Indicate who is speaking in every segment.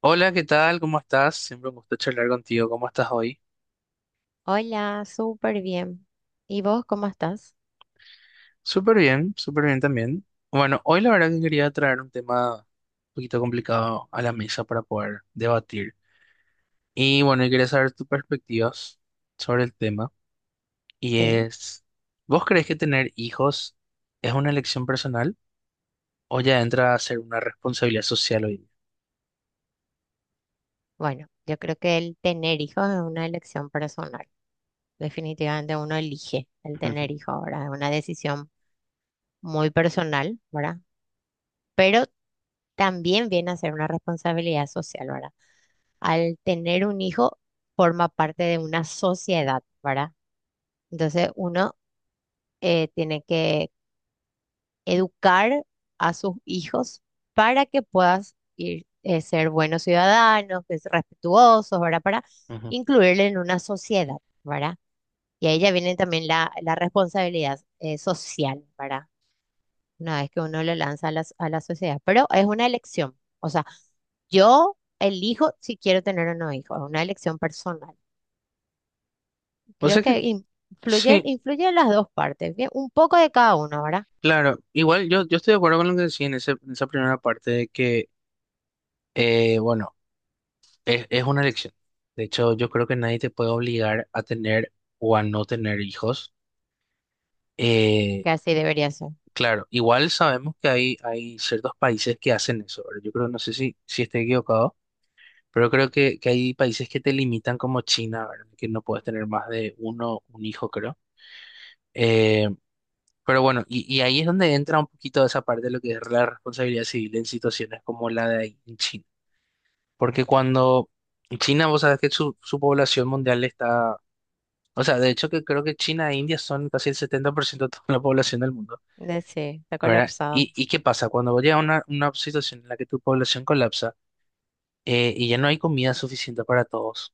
Speaker 1: Hola, ¿qué tal? ¿Cómo estás? Siempre un gusto charlar contigo. ¿Cómo estás hoy?
Speaker 2: Hola, súper bien. ¿Y vos cómo estás?
Speaker 1: Súper bien también. Bueno, hoy la verdad que quería traer un tema un poquito complicado a la mesa para poder debatir. Y bueno, yo quería saber tus perspectivas sobre el tema. Y
Speaker 2: Sí,
Speaker 1: es, ¿vos crees que tener hijos es una elección personal o ya entra a ser una responsabilidad social hoy día?
Speaker 2: bueno, yo creo que el tener hijos es una elección personal. Definitivamente uno elige el
Speaker 1: Ujú,
Speaker 2: tener hijos ahora, es una decisión muy personal, ¿verdad? Pero también viene a ser una responsabilidad social, ¿verdad? Al tener un hijo forma parte de una sociedad, ¿verdad? Entonces uno tiene que educar a sus hijos para que puedas ir, ser buenos ciudadanos, que es respetuosos, ¿verdad? Para
Speaker 1: ujú.
Speaker 2: incluirle en una sociedad, ¿verdad? Y ahí ya viene también la responsabilidad social, ¿verdad? Una vez que uno lo lanza a la sociedad, pero es una elección, o sea, yo elijo si quiero tener o no hijos, es una elección personal.
Speaker 1: O
Speaker 2: Creo
Speaker 1: sea que
Speaker 2: que influye,
Speaker 1: sí,
Speaker 2: influye en las dos partes, bien, un poco de cada uno, ¿verdad?
Speaker 1: claro. Igual yo estoy de acuerdo con lo que decía en, en esa primera parte de que, bueno, es una elección. De hecho, yo creo que nadie te puede obligar a tener o a no tener hijos. Eh,
Speaker 2: Que así debería ser.
Speaker 1: claro, igual sabemos que hay ciertos países que hacen eso, ¿verdad? Yo creo, no sé si estoy equivocado, pero creo que hay países que te limitan como China, ¿verdad? Que no puedes tener más de uno, un hijo, creo. Eh, pero bueno, y ahí es donde entra un poquito esa parte de lo que es la responsabilidad civil en situaciones como la de ahí en China. Porque cuando China, vos sabés que su población mundial está. O sea, de hecho que creo que China e India son casi el 70% de toda la población del mundo,
Speaker 2: Sí, está
Speaker 1: ¿verdad?
Speaker 2: colapsado.
Speaker 1: Y qué pasa? Cuando vos llegas a una situación en la que tu población colapsa, y ya no hay comida suficiente para todos,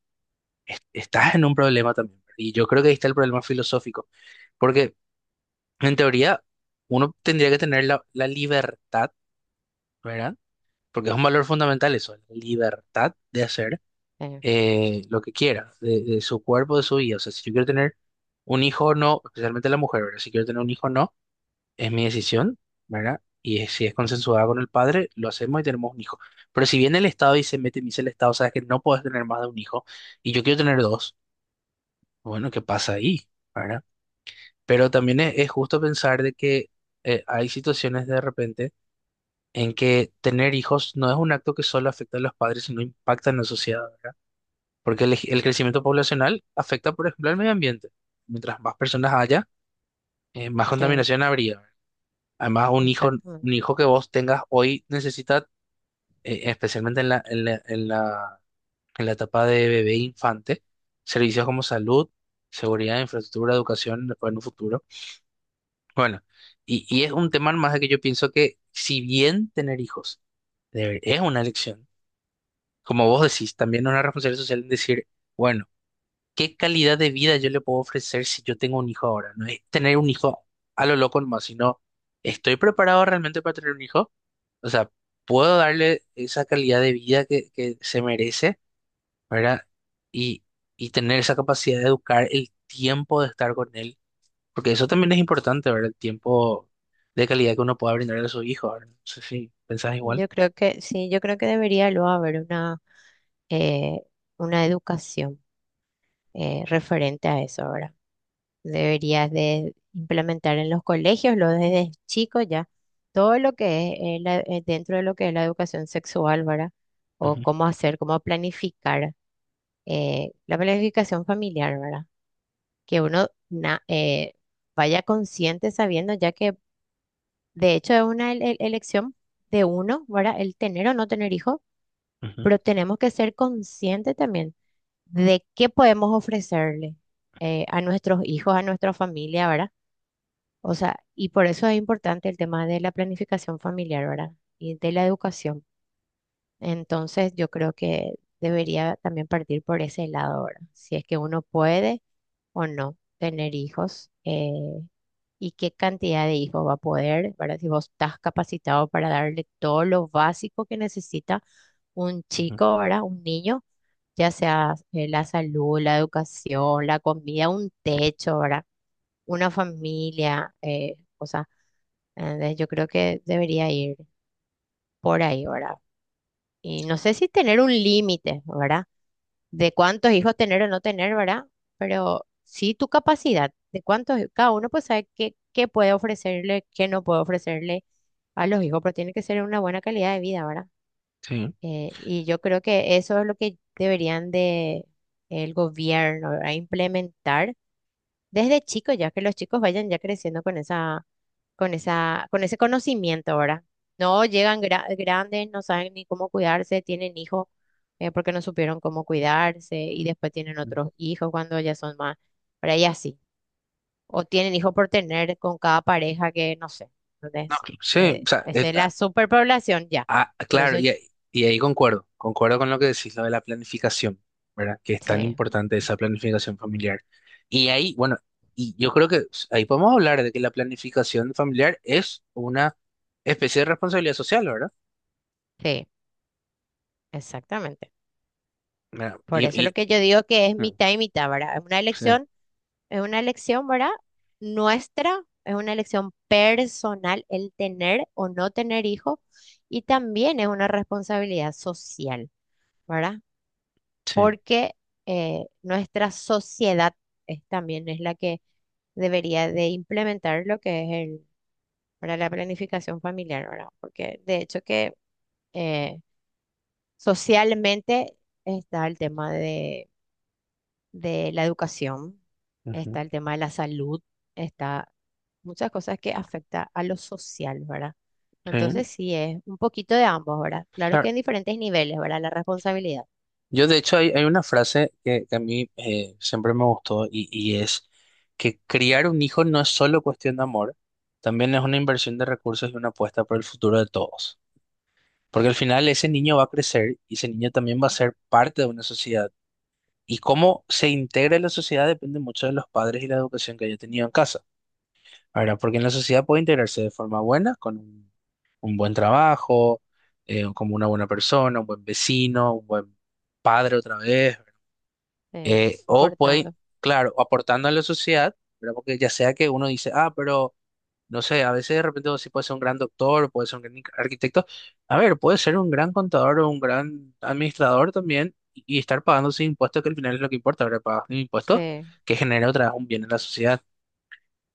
Speaker 1: estás en un problema también. Y yo creo que ahí está el problema filosófico, porque en teoría uno tendría que tener la libertad, ¿verdad? Porque es un valor fundamental eso, la libertad de hacer
Speaker 2: Eh,
Speaker 1: lo que quiera, de su cuerpo, de su vida. O sea, si yo quiero tener un hijo o no, especialmente la mujer, ¿verdad? Si quiero tener un hijo o no es mi decisión, ¿verdad? Y si es consensuada con el padre, lo hacemos y tenemos un hijo. Pero si viene el Estado y se mete y me dice el Estado, sabes que no puedes tener más de un hijo y yo quiero tener dos, bueno, ¿qué pasa ahí? ¿Verdad? Pero también es justo pensar de que hay situaciones de repente en que tener hijos no es un acto que solo afecta a los padres, sino impacta en la sociedad, ¿verdad? Porque el crecimiento poblacional afecta, por ejemplo, al medio ambiente. Mientras más personas haya, más
Speaker 2: sí,
Speaker 1: contaminación habría, ¿verdad? Además,
Speaker 2: exactamente.
Speaker 1: un hijo que vos tengas hoy necesita, especialmente en en la etapa de bebé e infante, servicios como salud, seguridad, infraestructura, educación, después en un futuro. Bueno, y es un tema más de que yo pienso que si bien tener hijos es una elección, como vos decís, también es una responsabilidad social en decir, bueno, ¿qué calidad de vida yo le puedo ofrecer si yo tengo un hijo ahora? No es tener un hijo a lo loco nomás, sino, ¿estoy preparado realmente para tener un hijo? O sea, puedo darle esa calidad de vida que se merece, ¿verdad? Y, y tener esa capacidad de educar el tiempo de estar con él, porque eso también es importante, ¿verdad? El tiempo de calidad que uno pueda brindarle a su hijo, ¿verdad? No sé si pensás igual.
Speaker 2: Yo creo que sí, yo creo que debería luego haber eh, una educación referente a eso ahora. Deberías de implementar en los colegios, lo desde chicos ya, todo lo que es dentro de lo que es la educación sexual, ¿verdad? O
Speaker 1: Ujú,
Speaker 2: cómo hacer, cómo planificar la planificación familiar, ¿verdad? Que uno vaya consciente sabiendo ya que de hecho, es una elección de uno, ¿verdad? El tener o no tener hijos,
Speaker 1: ujú,
Speaker 2: pero tenemos que ser conscientes también de qué podemos ofrecerle a nuestros hijos, a nuestra familia, ¿verdad? O sea, y por eso es importante el tema de la planificación familiar, ¿verdad? Y de la educación. Entonces, yo creo que debería también partir por ese lado, ¿verdad? Si es que uno puede o no tener hijos. Y qué cantidad de hijos va a poder, ¿verdad? Si vos estás capacitado para darle todo lo básico que necesita un
Speaker 1: ujú.
Speaker 2: chico, ¿verdad? Un niño, ya sea la salud, la educación, la comida, un techo, ¿verdad? Una familia, o sea, yo creo que debería ir por ahí, ¿verdad? Y no sé si tener un límite, ¿verdad? De cuántos hijos tener o no tener, ¿verdad? Pero sí tu capacidad, de cuántos, cada uno pues sabe qué, qué puede ofrecerle, qué no puede ofrecerle a los hijos, pero tiene que ser una buena calidad de vida, ¿verdad?
Speaker 1: Sí.
Speaker 2: Y yo creo que eso es lo que deberían de el gobierno, ¿verdad? Implementar desde chico, ya que los chicos vayan ya creciendo con esa, con esa, con ese conocimiento, ¿verdad? No llegan grandes, no saben ni cómo cuidarse, tienen hijos porque no supieron cómo cuidarse y después tienen otros hijos cuando ya son más, por ahí así. O tienen hijos por tener con cada pareja que no sé.
Speaker 1: No,
Speaker 2: Entonces,
Speaker 1: sí, o sea,
Speaker 2: esa
Speaker 1: es-.
Speaker 2: es la superpoblación ya.
Speaker 1: Ah,
Speaker 2: Por eso,
Speaker 1: claro, ahí concuerdo, concuerdo con lo que decís, lo de la planificación, ¿verdad? Que es tan
Speaker 2: sí,
Speaker 1: importante esa planificación familiar. Y ahí, bueno, y yo creo que ahí podemos hablar de que la planificación familiar es una especie de responsabilidad social, ¿verdad?
Speaker 2: sí, exactamente.
Speaker 1: Mira,
Speaker 2: Por eso lo
Speaker 1: y,
Speaker 2: que yo digo que es
Speaker 1: mm,
Speaker 2: mitad y mitad, ¿verdad? Es una
Speaker 1: sí,
Speaker 2: elección. Es una elección, ¿verdad? Nuestra, es una elección personal el tener o no tener hijos y también es una responsabilidad social, ¿verdad?
Speaker 1: sí,
Speaker 2: Porque nuestra sociedad también es la que debería de implementar lo que es el, ¿verdad? La planificación familiar, ¿verdad? Porque de hecho que eh, socialmente está el tema de la educación,
Speaker 1: ujú,
Speaker 2: está el tema de la salud, está muchas cosas que afecta a lo social, ¿verdad?
Speaker 1: sí,
Speaker 2: Entonces sí, es un poquito de ambos, ¿verdad? Claro
Speaker 1: claro.
Speaker 2: que en diferentes niveles, ¿verdad? La responsabilidad.
Speaker 1: Yo, de hecho, hay una frase que a mí siempre me gustó y es que criar un hijo no es solo cuestión de amor, también es una inversión de recursos y una apuesta por el futuro de todos.
Speaker 2: Sí,
Speaker 1: Porque al final ese niño va a crecer y ese niño también va a ser parte de una sociedad. Y cómo se integra en la sociedad depende mucho de los padres y la educación que haya tenido en casa. Ahora, porque en la sociedad puede integrarse de forma buena, con un buen trabajo, como una buena persona, un buen vecino, un buen padre otra vez.
Speaker 2: sí,
Speaker 1: O pueden,
Speaker 2: aportando.
Speaker 1: claro, aportando a la sociedad, ¿verdad? Porque ya sea que uno dice, ah, pero no sé, a veces de repente vos sí puede ser un gran doctor, puede ser un gran arquitecto. A ver, puede ser un gran contador o un gran administrador también y estar pagando sus impuestos, que al final es lo que importa, ¿verdad? Pagas un impuesto
Speaker 2: Sí,
Speaker 1: que genera otra vez un bien en la sociedad.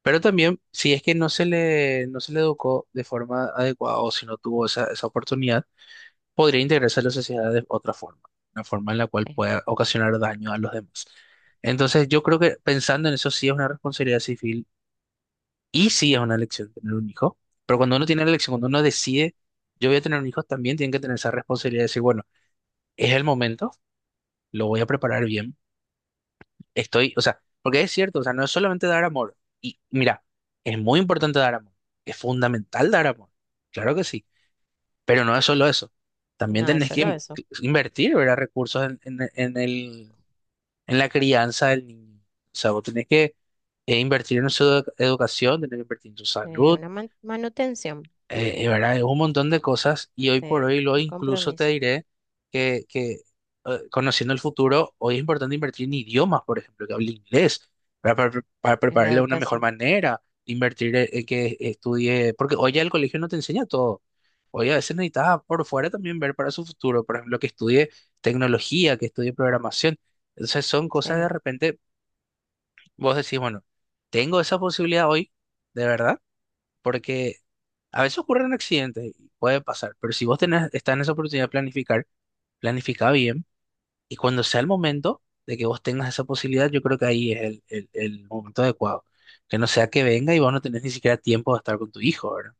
Speaker 1: Pero también, si es que no se le educó de forma adecuada o si no tuvo esa, esa oportunidad podría integrarse a la sociedad de otra forma, una forma en la cual
Speaker 2: sí.
Speaker 1: pueda ocasionar daño a los demás. Entonces, yo creo que pensando en eso sí es una responsabilidad civil y sí es una elección tener un hijo, pero cuando uno tiene la elección, cuando uno decide, yo voy a tener un hijo, también tiene que tener esa responsabilidad de decir, bueno, es el momento, lo voy a preparar bien, estoy, o sea, porque es cierto, o sea, no es solamente dar amor, y mira, es muy importante dar amor, es fundamental dar amor, claro que sí. Pero no es solo eso. También
Speaker 2: No es
Speaker 1: tenés que
Speaker 2: solo eso.
Speaker 1: invertir, ¿verdad? Recursos en en la crianza del niño. O sea, vos tenés que invertir en su educación, tenés que invertir en su salud,
Speaker 2: Una manutención,
Speaker 1: ¿verdad? Es un montón de cosas y hoy por
Speaker 2: sí,
Speaker 1: hoy lo
Speaker 2: un
Speaker 1: incluso te
Speaker 2: compromiso
Speaker 1: diré que conociendo el futuro, hoy es importante invertir en idiomas, por ejemplo, que hable inglés, ¿verdad? Para, para
Speaker 2: en la
Speaker 1: prepararle de una mejor
Speaker 2: educación.
Speaker 1: manera, invertir en que estudie, porque hoy ya el colegio no te enseña todo. Hoy a veces necesitas por fuera también ver para su futuro, por ejemplo, que estudie tecnología, que estudie programación. Entonces son cosas de
Speaker 2: Sí,
Speaker 1: repente, vos decís, bueno, tengo esa posibilidad hoy, de verdad. Porque a veces ocurren accidentes y puede pasar, pero si vos tenés, estás en esa oportunidad de planificar, planifica bien y cuando sea el momento de que vos tengas esa posibilidad, yo creo que ahí es el momento adecuado. Que no sea que venga y vos no tenés ni siquiera tiempo de estar con tu hijo, ¿verdad?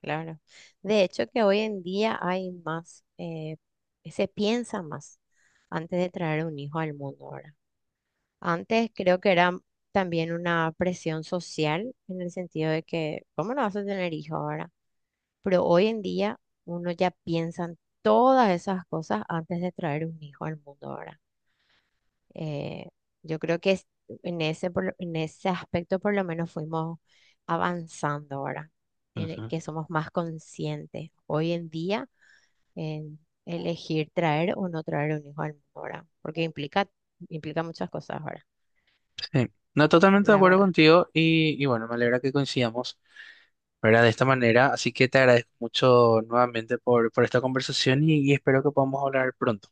Speaker 2: claro. De hecho, que hoy en día hay más, se piensa más antes de traer un hijo al mundo ahora. Antes creo que era también una presión social en el sentido de que, ¿cómo no vas a tener hijo ahora? Pero hoy en día uno ya piensa en todas esas cosas antes de traer un hijo al mundo ahora. Eh, yo creo que en ese, en ese aspecto por lo menos fuimos avanzando ahora, en el
Speaker 1: Ujú.
Speaker 2: que somos más conscientes hoy en día en elegir traer o no traer un hijo al mundo ahora, porque implica, implica muchas cosas ahora,
Speaker 1: Sí, no, totalmente de
Speaker 2: la
Speaker 1: acuerdo
Speaker 2: verdad.
Speaker 1: contigo y bueno, me alegra que coincidamos, ¿verdad? De esta manera, así que te agradezco mucho nuevamente por esta conversación y espero que podamos hablar pronto.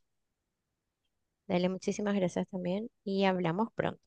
Speaker 2: Dale, muchísimas gracias también y hablamos pronto.